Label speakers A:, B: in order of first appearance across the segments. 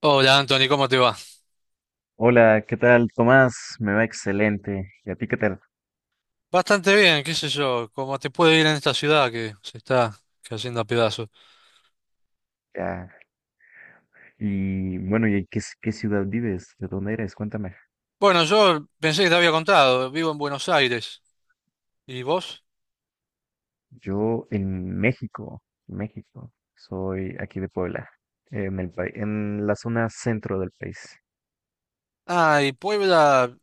A: Hola Anthony, ¿cómo te va?
B: Hola, ¿qué tal, Tomás? Me va excelente. ¿Y a ti qué tal?
A: Bastante bien, qué sé yo, cómo te puede ir en esta ciudad que se está cayendo a pedazos.
B: Ya. Y bueno, ¿y en qué, qué ciudad vives? ¿De dónde eres? Cuéntame.
A: Bueno, yo pensé que te había contado, vivo en Buenos Aires. ¿Y vos?
B: Yo en México, México. Soy aquí de Puebla, en el país, en la zona centro del país.
A: Ah, y Puebla,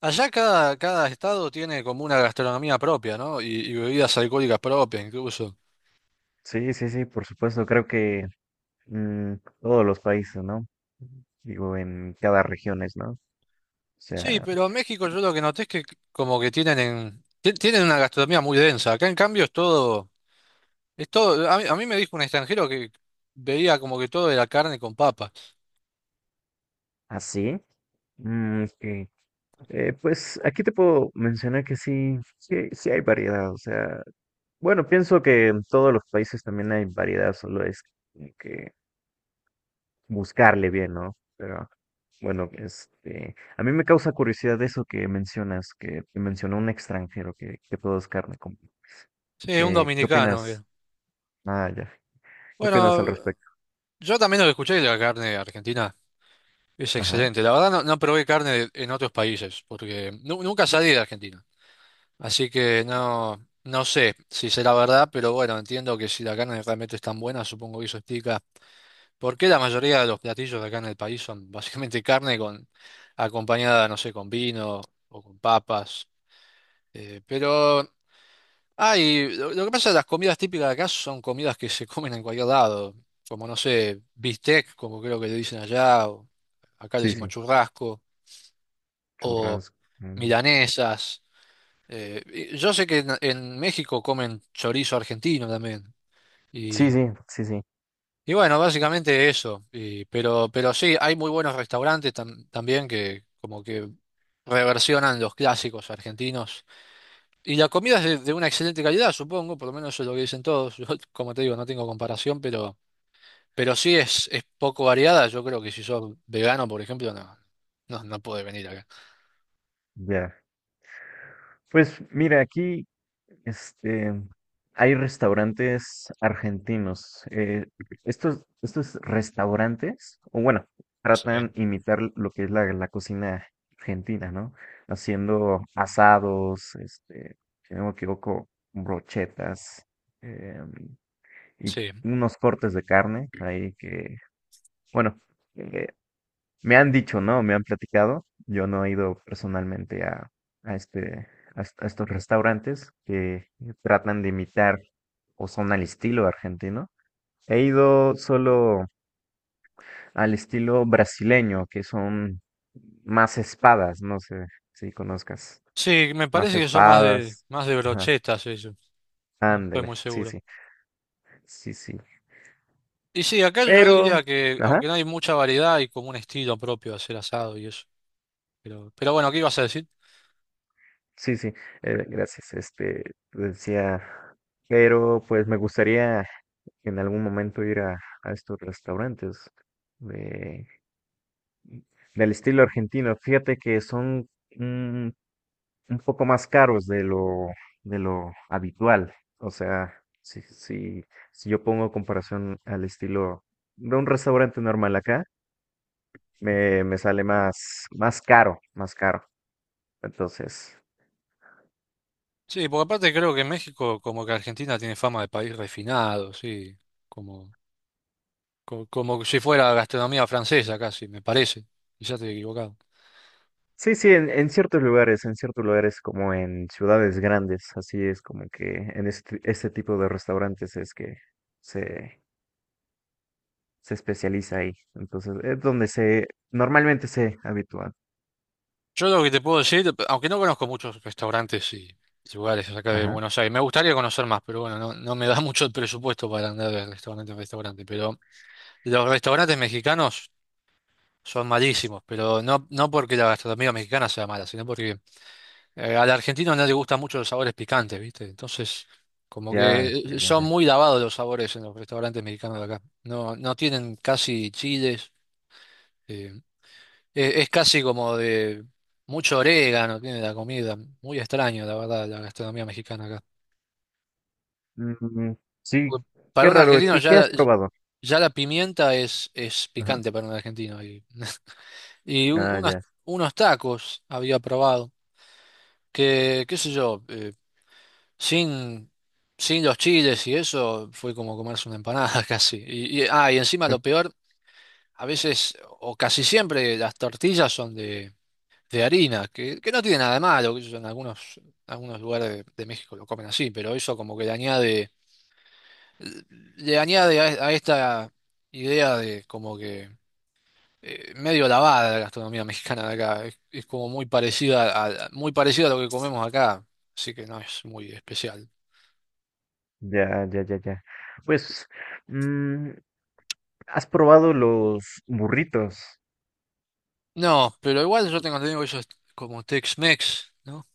A: allá cada estado tiene como una gastronomía propia, ¿no? Y bebidas alcohólicas propias incluso.
B: Sí, sí, sí, por supuesto. Creo que mm, todos los países, ¿no? Digo, en cada región, ¿no? O
A: Sí,
B: sea,
A: pero en México yo lo que noté es que como que tienen una gastronomía muy densa. Acá en cambio es todo, a mí me dijo un extranjero que veía como que todo era carne con papas.
B: así. Ok. Pues aquí te puedo mencionar que sí, sí, sí hay variedad. O sea. Bueno, pienso que en todos los países también hay variedad, solo es como que buscarle bien, ¿no? Pero bueno, a mí me causa curiosidad eso que mencionas, que mencionó un extranjero que todo es carne. Como
A: Sí, un
B: ¿qué
A: dominicano.
B: opinas?
A: Bien.
B: Ah, ya. ¿Qué opinas
A: Bueno,
B: al respecto?
A: yo también lo que escuché de la carne argentina es
B: Ajá.
A: excelente. La verdad no, no probé carne en otros países porque nunca salí de Argentina. Así que no, no sé si será verdad, pero bueno, entiendo que si la carne realmente es tan buena, supongo que eso explica por qué la mayoría de los platillos de acá en el país son básicamente carne con acompañada, no sé, con vino o con papas. Eh, pero lo que pasa es que las comidas típicas de acá son comidas que se comen en cualquier lado, como no sé, bistec, como creo que le dicen allá, o acá le
B: Sí,
A: decimos
B: sí.
A: churrasco, o
B: Churrasco. Mm.
A: milanesas. Eh, y yo sé que en México comen chorizo argentino también.
B: Sí,
A: Y,
B: sí, sí, sí.
A: y bueno, básicamente eso. Pero sí, hay muy buenos restaurantes también que como que reversionan los clásicos argentinos. Y la comida es de una excelente calidad, supongo, por lo menos eso es lo que dicen todos. Yo, como te digo, no tengo comparación, pero sí es poco variada. Yo creo que si sos vegano, por ejemplo, no puede venir acá.
B: Ya. Pues mira, aquí. Este, hay restaurantes argentinos. Estos restaurantes, o bueno,
A: Sí,
B: tratan imitar lo que es la cocina argentina, ¿no? Haciendo asados, si no me equivoco, brochetas, em, y
A: sí.
B: unos cortes de carne ahí que, bueno, eh, me han dicho, ¿no? Me han platicado. Yo no he ido personalmente a a, a estos restaurantes que tratan de imitar o son al estilo argentino. He ido solo al estilo brasileño, que son más espadas, no sé si conozcas.
A: Sí, me
B: Más
A: parece que son
B: espadas.
A: más de
B: Ajá.
A: brochetas eso. No estoy
B: Ándale.
A: muy
B: Sí,
A: seguro.
B: sí. Sí, sí.
A: Y sí, acá yo
B: Pero,
A: diría que,
B: ajá.
A: aunque no hay mucha variedad, hay como un estilo propio de hacer asado y eso. Pero bueno, ¿qué ibas a decir?
B: Sí, sí, gracias. Decía, pero pues me gustaría en algún momento ir a estos restaurantes de, del estilo argentino. Fíjate que son un, un poco más caros de de lo habitual. O sea, si yo pongo comparación al estilo de un restaurante normal acá, me sale más, más caro, más caro. Entonces,
A: Sí, porque aparte creo que México, como que Argentina, tiene fama de país refinado, sí. Como como si fuera gastronomía francesa casi, me parece. Quizás estoy equivocado.
B: sí, sí, en ciertos lugares como en ciudades grandes, así es como que en este tipo de restaurantes es que se, se especializa ahí. Entonces, es donde se, normalmente se habitúa.
A: Yo lo que te puedo decir, aunque no conozco muchos restaurantes y lugares acá de
B: Ajá,
A: Buenos Aires, me gustaría conocer más, pero bueno, no, no me da mucho el presupuesto para andar de restaurante en restaurante. Pero los restaurantes mexicanos son malísimos, pero no, no porque la gastronomía mexicana sea mala, sino porque al argentino no le gustan mucho los sabores picantes, ¿viste? Entonces, como
B: ya,
A: que
B: ya, ya,
A: son
B: ya.
A: muy lavados los sabores en los restaurantes mexicanos de acá. No, no tienen casi chiles. eh, Casi como de mucho orégano, tiene la comida. Muy extraño, la verdad, la gastronomía mexicana acá.
B: Mm, sí,
A: Porque
B: qué
A: Para un
B: raro,
A: argentino
B: ¿qué, qué has probado?
A: ya la pimienta es
B: Ajá,
A: picante para un argentino. Y, y un-
B: ah,
A: unos,
B: ya,
A: unos tacos había probado, que qué sé yo, sin, sin los chiles y eso fue como comerse una empanada casi. Y encima lo peor, a veces o casi siempre las tortillas son de harina, que no tiene nada de malo, que en algunos lugares de México lo comen así, pero eso como que le añade a esta idea de como que medio lavada de la gastronomía mexicana de acá, es como muy parecida a lo que comemos acá, así que no es muy especial.
B: ya, ya, ya, ya. Pues, mm, ¿has probado los burritos?
A: No, pero igual yo tengo entendido que eso es como Tex-Mex, ¿no?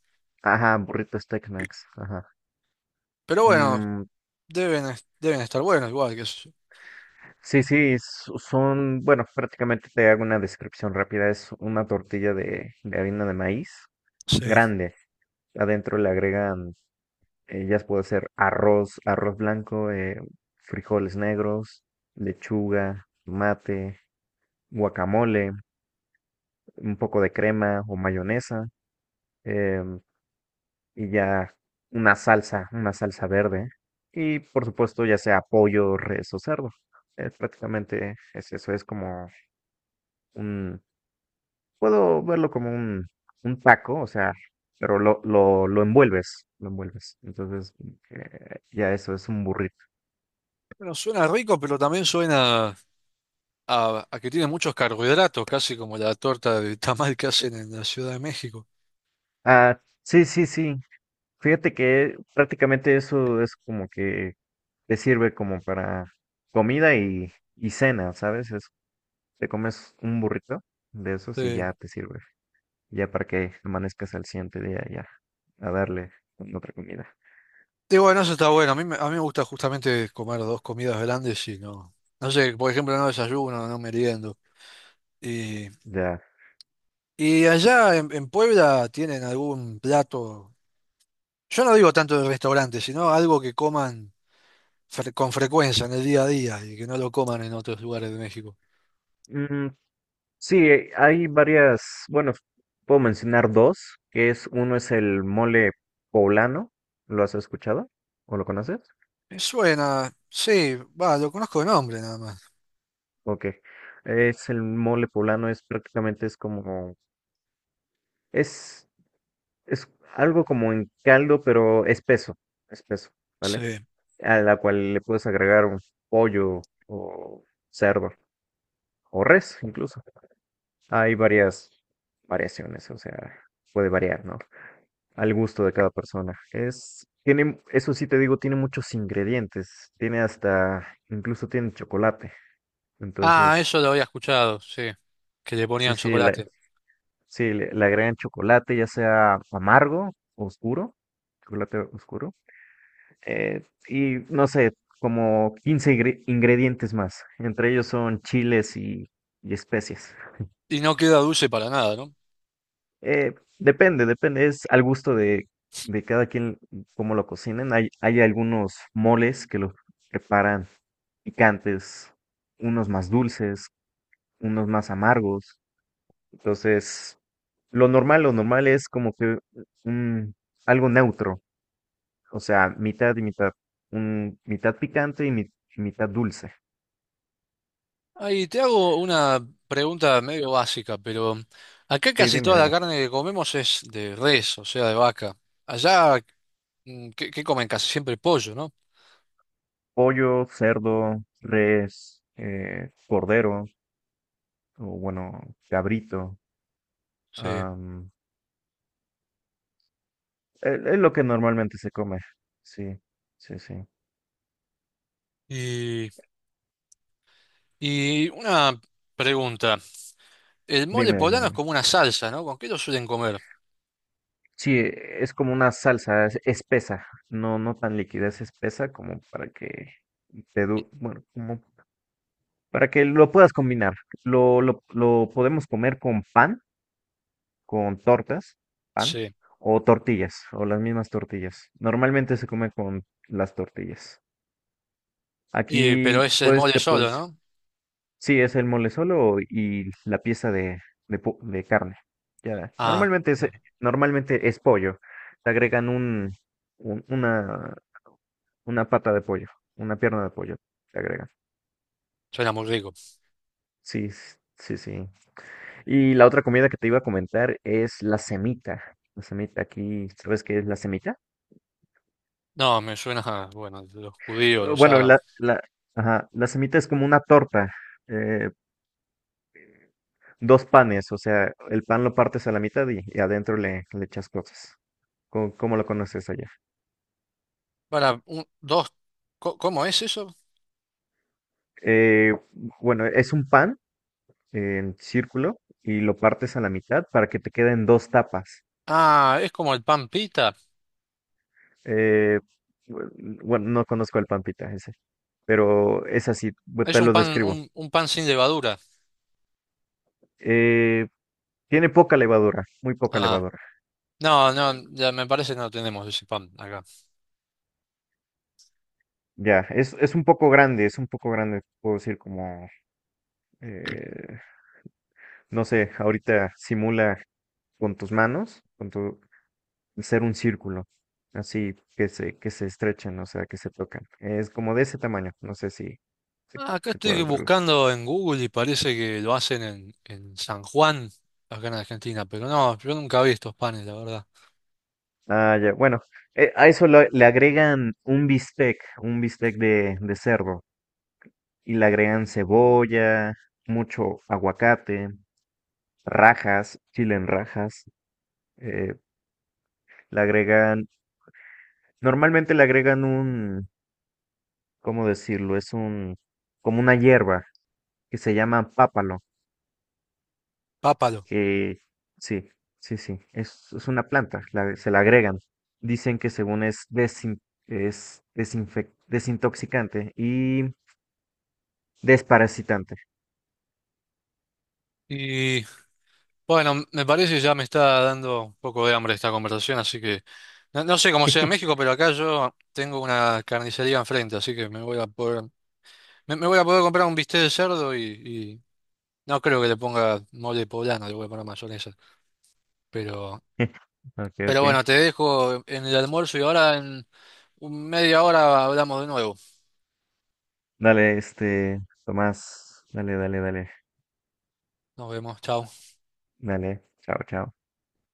B: Ajá, burritos Tex-Mex, ajá.
A: Pero bueno,
B: Mm,
A: deben estar buenos igual, que sí.
B: Sí, sí, son, bueno, prácticamente te hago una descripción rápida. Es una tortilla de harina de maíz grande. Adentro le agregan, ya puede ser arroz, arroz blanco, frijoles negros, lechuga, mate, guacamole, un poco de crema o mayonesa, em, y ya una salsa verde. Y por supuesto, ya sea pollo, res o cerdo. Prácticamente es eso, es como un, puedo verlo como un taco, o sea, pero lo envuelves, lo envuelves. Entonces, ya eso es un burrito.
A: Bueno, suena rico, pero también suena a que tiene muchos carbohidratos, casi como la torta de tamal que hacen en la Ciudad de México.
B: Ah, sí, sí, sí. Fíjate que prácticamente eso es como que te sirve como para comida y cena, ¿sabes? Es, te comes un burrito de esos y
A: Sí.
B: ya te sirve. Ya para que amanezcas al siguiente día, ya a darle con otra comida.
A: Y bueno, eso está bueno. A mí me gusta justamente comer dos comidas grandes y no. No sé, por ejemplo, no desayuno, no meriendo. Y,
B: Ya.
A: y allá en Puebla tienen algún plato, yo no digo tanto de restaurante, sino algo que coman con frecuencia en el día a día y que no lo coman en otros lugares de México.
B: Mm, sí, hay varias, bueno, puedo mencionar dos, que es, uno es el mole poblano, ¿lo has escuchado? ¿O lo conoces?
A: Me suena, sí, va, lo conozco de nombre nada más.
B: Ok. Es el mole poblano, es prácticamente es como, es, es algo como en caldo, pero espeso, espeso, ¿vale?
A: Sí.
B: A la cual le puedes agregar un pollo o cerdo o res incluso. Hay varias variaciones, o sea, puede variar, ¿no?, al gusto de cada persona. Es, tiene, eso sí te digo, tiene muchos ingredientes. Tiene hasta, incluso tiene chocolate.
A: Ah,
B: Entonces,
A: eso lo había escuchado, sí, que le
B: sí,
A: ponían
B: sí,
A: chocolate.
B: sí, le agregan chocolate, ya sea amargo o oscuro, chocolate oscuro. Y no sé, como 15 ingredientes más. Entre ellos son chiles y especias.
A: ¿Y no queda dulce para nada, no?
B: Eh, depende, depende, es al gusto de cada quien cómo lo cocinen. Hay algunos moles que los preparan picantes, unos más dulces, unos más amargos. Entonces, lo normal es como que un, algo neutro, o sea, mitad y mitad, un, mitad picante y, y mitad dulce.
A: Ahí te hago una pregunta medio básica, pero acá
B: Sí,
A: casi
B: dime,
A: toda la
B: dime.
A: carne que comemos es de res, o sea, de vaca. Allá, mm, ¿qué comen? Casi siempre pollo, ¿no?
B: Pollo, cerdo, res, cordero, o bueno, cabrito.
A: Sí.
B: am, es lo que normalmente se come. Sí, sí, sí.
A: Y, y una pregunta. El mole
B: Dime, dime,
A: poblano es
B: dime.
A: como una salsa, ¿no? ¿Con qué lo suelen comer?
B: Sí, es como una salsa espesa, no, no tan líquida, es espesa como para que te bueno, como para que lo puedas combinar. Lo podemos comer con pan, con tortas, pan,
A: Sí.
B: o tortillas, o las mismas tortillas. Normalmente se come con las tortillas.
A: Y,
B: Aquí
A: pero es el
B: puedes,
A: mole
B: te
A: solo,
B: puedes,
A: ¿no?
B: sí, es el mole solo y la pieza de, de carne. Ya,
A: Ah, claro.
B: normalmente es pollo. Te agregan un un- una, Una pata de pollo, una pierna de pollo, te agrega.
A: Suena muy rico.
B: Sí, sí, sí. Y la otra comida que te iba a comentar es la semita. La semita aquí, ¿sabes qué es la semita?
A: No, me suena, a, bueno, los judíos, los
B: Bueno,
A: árabes.
B: ajá, la semita es como una torta, eh, dos panes, o sea, el pan lo partes a la mitad y adentro le echas cosas. ¿Cómo, cómo lo conoces allá?
A: Para un, dos, ¿cómo es eso?
B: Eh, bueno, es un pan en círculo y lo partes a la mitad para que te queden dos tapas.
A: Ah, es como el pan pita.
B: Eh, bueno, bueno, no conozco al Pampita ese, pero es así,
A: Es
B: te lo describo.
A: un pan sin levadura.
B: Eh, tiene poca levadura, muy poca
A: Ah,
B: levadura.
A: no, no, ya me parece que no tenemos ese pan acá.
B: Ya, es un poco grande, es un poco grande, puedo decir como, eh, no sé, ahorita simula con tus manos, con tu ser un círculo, así que se estrechan, o sea, que se tocan. Es como de ese tamaño, no sé si, si,
A: Ah, acá
B: si
A: estoy
B: puedes verlo.
A: buscando en Google y parece que lo hacen en San Juan, acá en Argentina, pero no, yo nunca vi estos panes, la verdad.
B: Ah, ya. Bueno, a eso le agregan un bistec de cerdo, y le agregan cebolla, mucho aguacate, rajas, chile en rajas, eh, le agregan, normalmente le agregan un, ¿cómo decirlo? Es un, como una hierba que se llama pápalo,
A: Pápalo.
B: que sí, sí, sí, es una planta, se la agregan. Dicen que según es, es desintoxicante y desparasitante.
A: Y bueno, me parece que ya me está dando un poco de hambre esta conversación, así que no, no sé cómo sea en México, pero acá yo tengo una carnicería enfrente, así que me voy a poder. Me voy a poder comprar un bistec de cerdo y no creo que le ponga mole poblano, le voy a poner mayonesa. Pero,
B: Ok,
A: pero
B: ok.
A: bueno, te dejo en el almuerzo y ahora en media hora hablamos de nuevo.
B: Dale, Tomás. Dale, dale, dale.
A: Nos vemos, chao.
B: Dale. Chao, chao.